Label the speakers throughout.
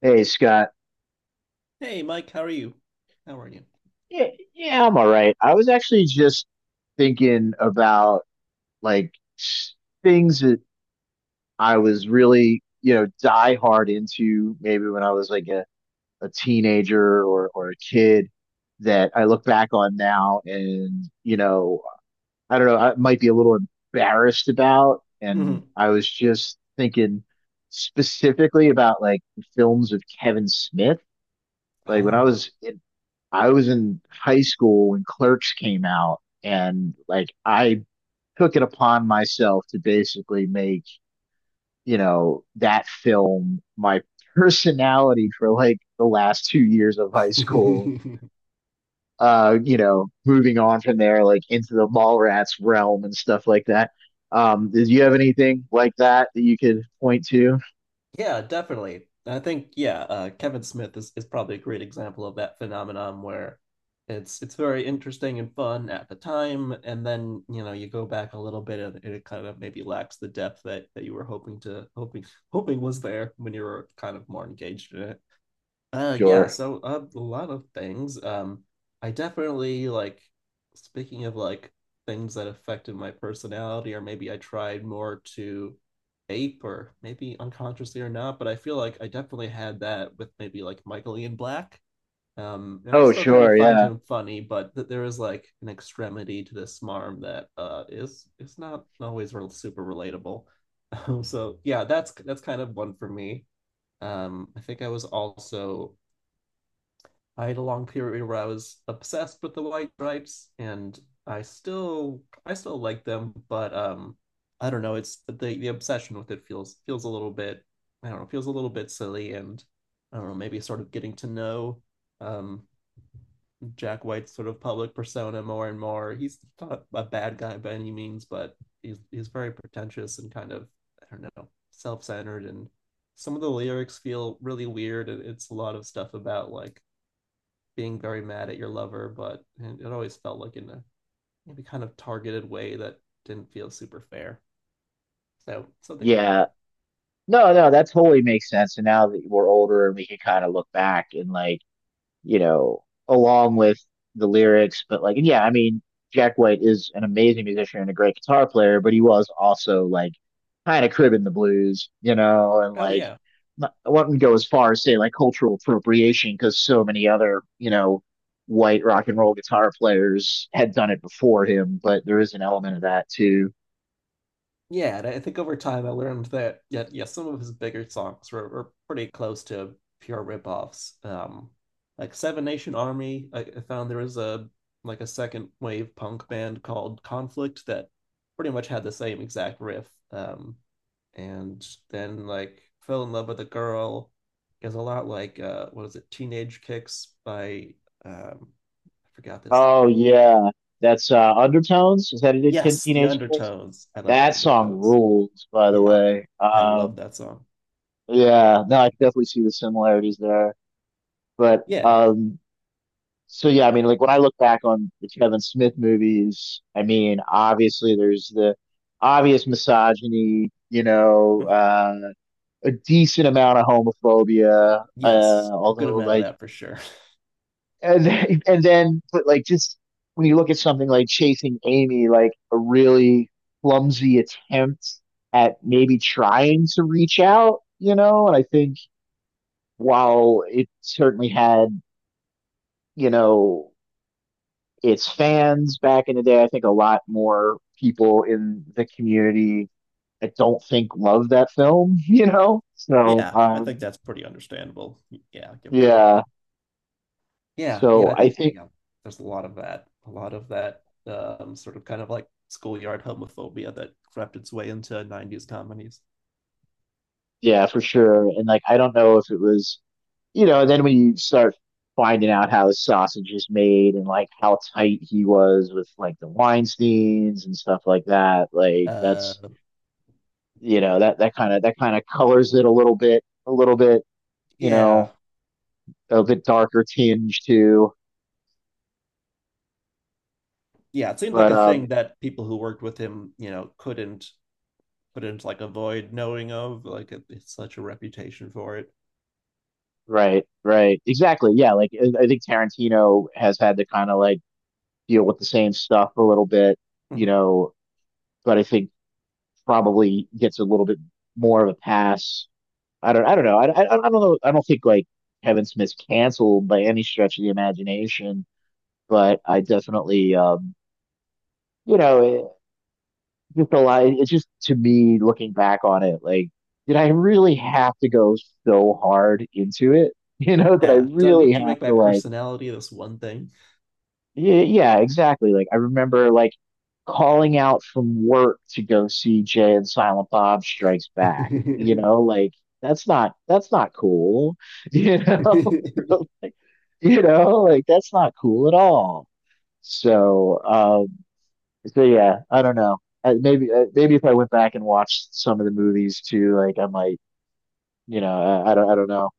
Speaker 1: Hey Scott.
Speaker 2: Hey, Mike, how are you? How are you?
Speaker 1: Yeah, yeah, I'm all right. I was actually just thinking about like s- things that I was really, you know, die hard into maybe when I was like a teenager or a kid that I look back on now and, you know, I don't know, I might be a little embarrassed about. And
Speaker 2: Hmm
Speaker 1: I was just thinking specifically about like films of Kevin Smith. Like when I
Speaker 2: Oh.
Speaker 1: was in. I was in high school when Clerks came out, and like I took it upon myself to basically make, you know, that film my personality for like the last 2 years of high school. You know, moving on from there, like into the Mallrats realm and stuff like that. Did you have anything like that that you could point to?
Speaker 2: Yeah, definitely. I think Kevin Smith is probably a great example of that phenomenon where it's very interesting and fun at the time, and then you know you go back a little bit and it kind of maybe lacks the depth that that you were hoping to hoping hoping was there when you were kind of more engaged in it.
Speaker 1: Sure.
Speaker 2: A lot of things. I definitely like, speaking of like things that affected my personality or maybe I tried more to ape or maybe unconsciously or not, but I feel like I definitely had that with maybe like Michael Ian Black. And I
Speaker 1: Oh,
Speaker 2: still kind of
Speaker 1: sure.
Speaker 2: find
Speaker 1: Yeah.
Speaker 2: him funny, but th there is like an extremity to this smarm that is not always real super relatable. So yeah, that's kind of one for me. I think I was also, I had a long period where I was obsessed with the White Stripes, and I still like them, but I don't know, it's the obsession with it feels a little bit, I don't know, feels a little bit silly, and I don't know, maybe sort of getting to know um Jack White's sort of public persona more and more. He's not a bad guy by any means, but he's very pretentious and kind of, I don't know, self-centered, and some of the lyrics feel really weird and it's a lot of stuff about like being very mad at your lover, but it always felt like in a maybe kind of targeted way that didn't feel super fair. So something like
Speaker 1: Yeah.
Speaker 2: that.
Speaker 1: No, no, that totally makes sense. And now that we're older and we can kind of look back and like, you know, along with the lyrics. But like, yeah, I mean, Jack White is an amazing musician and a great guitar player, but he was also like kind of cribbing the blues, you know, and
Speaker 2: Oh
Speaker 1: like
Speaker 2: yeah.
Speaker 1: not, I wouldn't go as far as say like cultural appropriation because so many other, you know, white rock and roll guitar players had done it before him, but there is an element of that too.
Speaker 2: Yeah, and I think over time I learned that, yeah, yeah, some of his bigger songs were pretty close to pure ripoffs. Like Seven Nation Army, I found there was a like a second wave punk band called Conflict that pretty much had the same exact riff. Um, and then like Fell in Love with a Girl is a lot like, what is it, Teenage Kicks by, um, I forgot this.
Speaker 1: Oh yeah, that's Undertones. Is that it?
Speaker 2: Yes, The
Speaker 1: Teenage Kicks.
Speaker 2: Undertones. I love The
Speaker 1: That song
Speaker 2: Undertones.
Speaker 1: rules, by the
Speaker 2: Yeah,
Speaker 1: way.
Speaker 2: I love that song.
Speaker 1: Yeah, no, I can definitely see the similarities there. But
Speaker 2: Yeah.
Speaker 1: um, so yeah, I mean like when I look back on the Kevin Smith movies, I mean obviously there's the obvious misogyny, you know, a decent amount of homophobia,
Speaker 2: Yes, a good
Speaker 1: although
Speaker 2: amount of
Speaker 1: like
Speaker 2: that for sure.
Speaker 1: and then but like just when you look at something like Chasing Amy, like a really clumsy attempt at maybe trying to reach out, you know, and I think while it certainly had, you know, its fans back in the day, I think a lot more people in the community I don't think love that film, you know? So,
Speaker 2: Yeah, I think that's pretty understandable. Yeah, given the context.
Speaker 1: yeah.
Speaker 2: Yeah, yeah,
Speaker 1: So
Speaker 2: I
Speaker 1: I
Speaker 2: think
Speaker 1: think,
Speaker 2: yeah, there's a lot of that, a lot of that, sort of kind of like schoolyard homophobia that crept its way into 90s comedies.
Speaker 1: yeah, for sure. And like, I don't know if it was, you know, then when you start finding out how his sausage is made and like how tight he was with like the Weinsteins and stuff like that, like
Speaker 2: Uh,
Speaker 1: that's, you know, that kind of colors it a little bit, a little bit. You
Speaker 2: yeah,
Speaker 1: know, a bit darker tinge too.
Speaker 2: yeah, it seemed like
Speaker 1: But
Speaker 2: a thing that people who worked with him, couldn't like avoid knowing of. Like it's such a reputation for it.
Speaker 1: right, right, exactly. Yeah, like I think Tarantino has had to kind of like deal with the same stuff a little bit, you know. But I think probably gets a little bit more of a pass. I don't know. I don't know. I don't think like Kevin Smith's canceled by any stretch of the imagination, but I definitely, you know, just a lot. It's just to me looking back on it, like, did I really have to go so hard into it? You know, that I
Speaker 2: Yeah, do I
Speaker 1: really
Speaker 2: need to
Speaker 1: have
Speaker 2: make my
Speaker 1: to like,
Speaker 2: personality this one thing?
Speaker 1: yeah, yeah, exactly. Like I remember like calling out from work to go see Jay and Silent Bob Strikes Back. You know, like that's not cool. You know, like, you know, like that's not cool at all. So, so yeah, I don't know. Maybe if I went back and watched some of the movies too, like I might, you know, I don't know,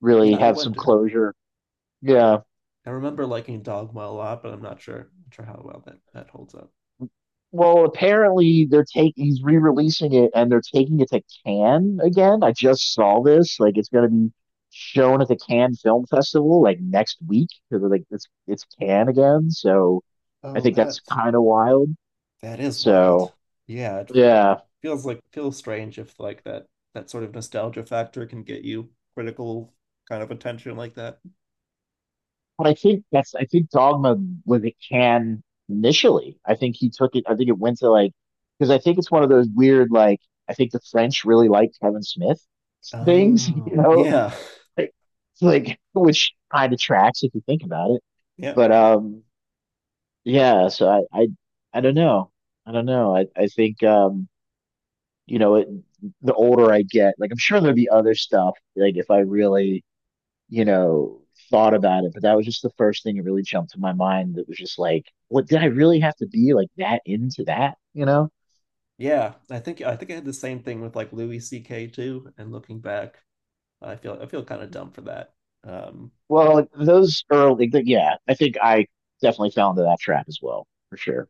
Speaker 1: really
Speaker 2: Yeah, I
Speaker 1: have some
Speaker 2: wonder.
Speaker 1: closure. Yeah.
Speaker 2: I remember liking Dogma a lot, but I'm not sure, not sure how well that holds up.
Speaker 1: Well, apparently they're taking he's re-releasing it and they're taking it to Cannes again. I just saw this. Like it's gonna be shown at the Cannes Film Festival like next week because like it's Cannes again. So I
Speaker 2: Oh,
Speaker 1: think that's
Speaker 2: that's,
Speaker 1: kind of wild.
Speaker 2: that is wild.
Speaker 1: So
Speaker 2: Yeah, it
Speaker 1: yeah.
Speaker 2: feels like, feels strange if like that, that sort of nostalgia factor can get you critical kind of attention like that.
Speaker 1: But I think that's I think Dogma was a can initially. I think he took it. I think it went to like because I think it's one of those weird like I think the French really liked Kevin Smith things, you
Speaker 2: Oh,
Speaker 1: know,
Speaker 2: yeah.
Speaker 1: like it's like which kind of tracks if you think about it.
Speaker 2: Yeah.
Speaker 1: But yeah. So I don't know. I don't know. I think you know, it, the older I get, like I'm sure there'll be other stuff like if I really you know, thought about it, but that was just the first thing that really jumped to my mind that was just like, what did I really have to be like that into that, you know?
Speaker 2: Yeah. I think I had the same thing with like Louis CK too, and looking back, I feel kind of dumb for that. Um,
Speaker 1: Well, like, those early, like, yeah, I think I definitely fell into that trap as well, for sure.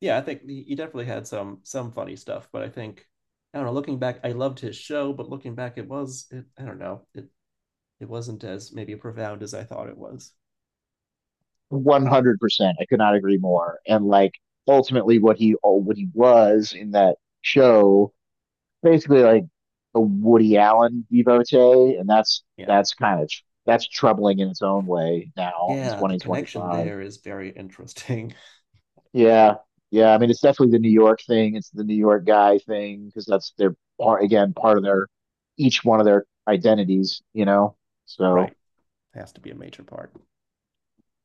Speaker 2: yeah, I think he definitely had some funny stuff, but I think I don't know. Looking back, I loved his show, but looking back, it was it, I don't know, it wasn't as maybe profound as I thought it was.
Speaker 1: 100%. I could not agree more. And like ultimately what he oh, what he was in that show, basically like a Woody Allen devotee, and that's
Speaker 2: Yeah,
Speaker 1: that's kind of that's troubling in its own way now in
Speaker 2: yeah, the connection
Speaker 1: 2025.
Speaker 2: there is very interesting.
Speaker 1: Yeah. Yeah. I mean, it's definitely the New York thing. It's the New York guy thing because that's their part, again, part of their, each one of their identities, you know? So,
Speaker 2: Right, has to be a major part.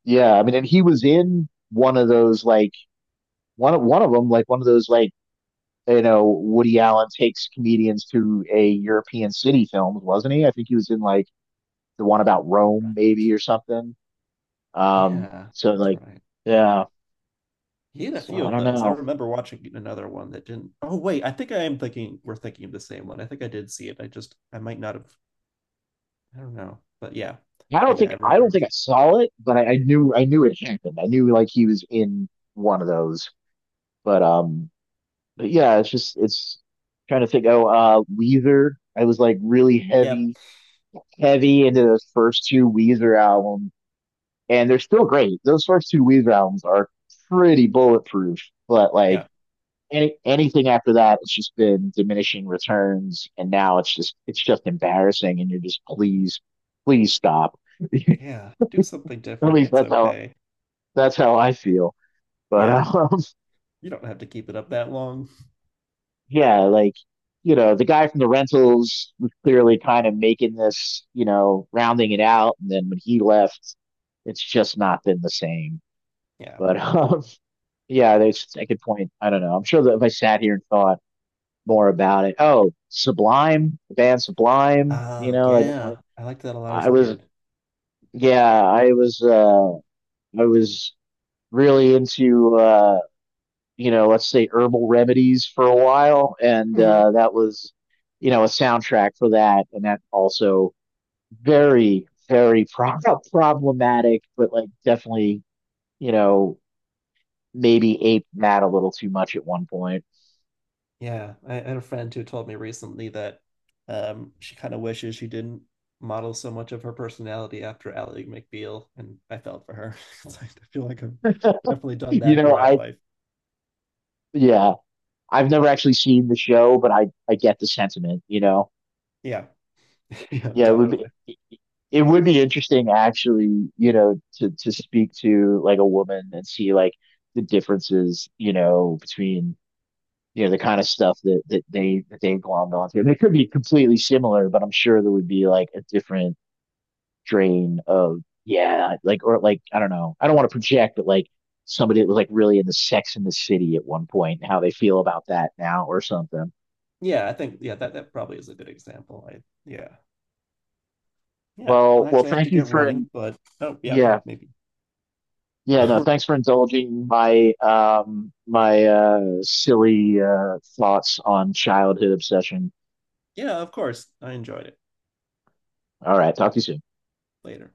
Speaker 1: yeah. I mean, and he was in one of those, like, one of those, like, you know, Woody Allen takes comedians to a European city films, wasn't he? I think he was in, like, the one about Rome,
Speaker 2: Right,
Speaker 1: maybe, or something.
Speaker 2: yeah,
Speaker 1: So,
Speaker 2: that's
Speaker 1: like,
Speaker 2: right.
Speaker 1: yeah.
Speaker 2: He had a
Speaker 1: So
Speaker 2: few
Speaker 1: I
Speaker 2: of
Speaker 1: don't
Speaker 2: those. I
Speaker 1: know.
Speaker 2: remember watching another one that didn't. Oh wait, I think I am thinking we're thinking of the same one. I think I did see it. I just I might not have. I don't know, but yeah.
Speaker 1: I don't
Speaker 2: Yeah, I
Speaker 1: think I
Speaker 2: remember.
Speaker 1: don't
Speaker 2: It
Speaker 1: think
Speaker 2: was,
Speaker 1: I saw it, but I knew it happened. I knew like he was in one of those. But um, but yeah, it's just it's trying to think. Oh, Weezer. I was like really
Speaker 2: yep,
Speaker 1: heavy, heavy into those first two Weezer albums, and they're still great. Those first two Weezer albums are pretty bulletproof, but like
Speaker 2: yeah.
Speaker 1: anything after that, it's just been diminishing returns, and now it's just embarrassing, and you're just please, please stop.
Speaker 2: Yeah, do something
Speaker 1: At
Speaker 2: different.
Speaker 1: least
Speaker 2: It's
Speaker 1: that's how
Speaker 2: okay.
Speaker 1: that's how I feel. But
Speaker 2: Yeah, you don't have to keep it up that long.
Speaker 1: yeah, like you know, the guy from the rentals was clearly kind of making this, you know, rounding it out, and then when he left, it's just not been the same.
Speaker 2: Yeah.
Speaker 1: But yeah, there's I could point. I don't know. I'm sure that if I sat here and thought more about it, oh, Sublime, the band Sublime, you
Speaker 2: Ah,
Speaker 1: know, I definitely,
Speaker 2: yeah. I liked that a lot as
Speaker 1: I
Speaker 2: a
Speaker 1: was,
Speaker 2: kid.
Speaker 1: yeah, I was really into you know, let's say herbal remedies for a while, and
Speaker 2: hmm
Speaker 1: that was, you know, a soundtrack for that, and that also very, very problematic, but like definitely, you know, maybe aped that a little too much at one point.
Speaker 2: Yeah, I had a friend who told me recently that she kind of wishes she didn't model so much of her personality after Ally McBeal, and I felt for her. 'Cause I feel like I've definitely done
Speaker 1: You
Speaker 2: that
Speaker 1: know,
Speaker 2: throughout
Speaker 1: I
Speaker 2: life.
Speaker 1: yeah, I've never actually seen the show, but I get the sentiment. You know,
Speaker 2: Yeah, yeah,
Speaker 1: yeah, it would be.
Speaker 2: definitely.
Speaker 1: It would be interesting, actually, you know, to speak to like a woman and see like the differences, you know, between you know the kind of stuff that that they glommed onto. They could be completely similar, but I'm sure there would be like a different strain of yeah, like or like I don't know. I don't want to project, but like somebody that was like really into Sex in the City at one point, and how they feel about that now or something.
Speaker 2: Yeah, I think yeah that probably is a good example. I yeah yeah.
Speaker 1: Well,
Speaker 2: Well,
Speaker 1: well,
Speaker 2: actually, I have to
Speaker 1: thank you
Speaker 2: get
Speaker 1: for in,
Speaker 2: running, but oh yeah, I
Speaker 1: yeah.
Speaker 2: think maybe
Speaker 1: Yeah, no, thanks for indulging my my silly thoughts on childhood obsession.
Speaker 2: yeah, of course, I enjoyed it
Speaker 1: All right, talk to you soon.
Speaker 2: later.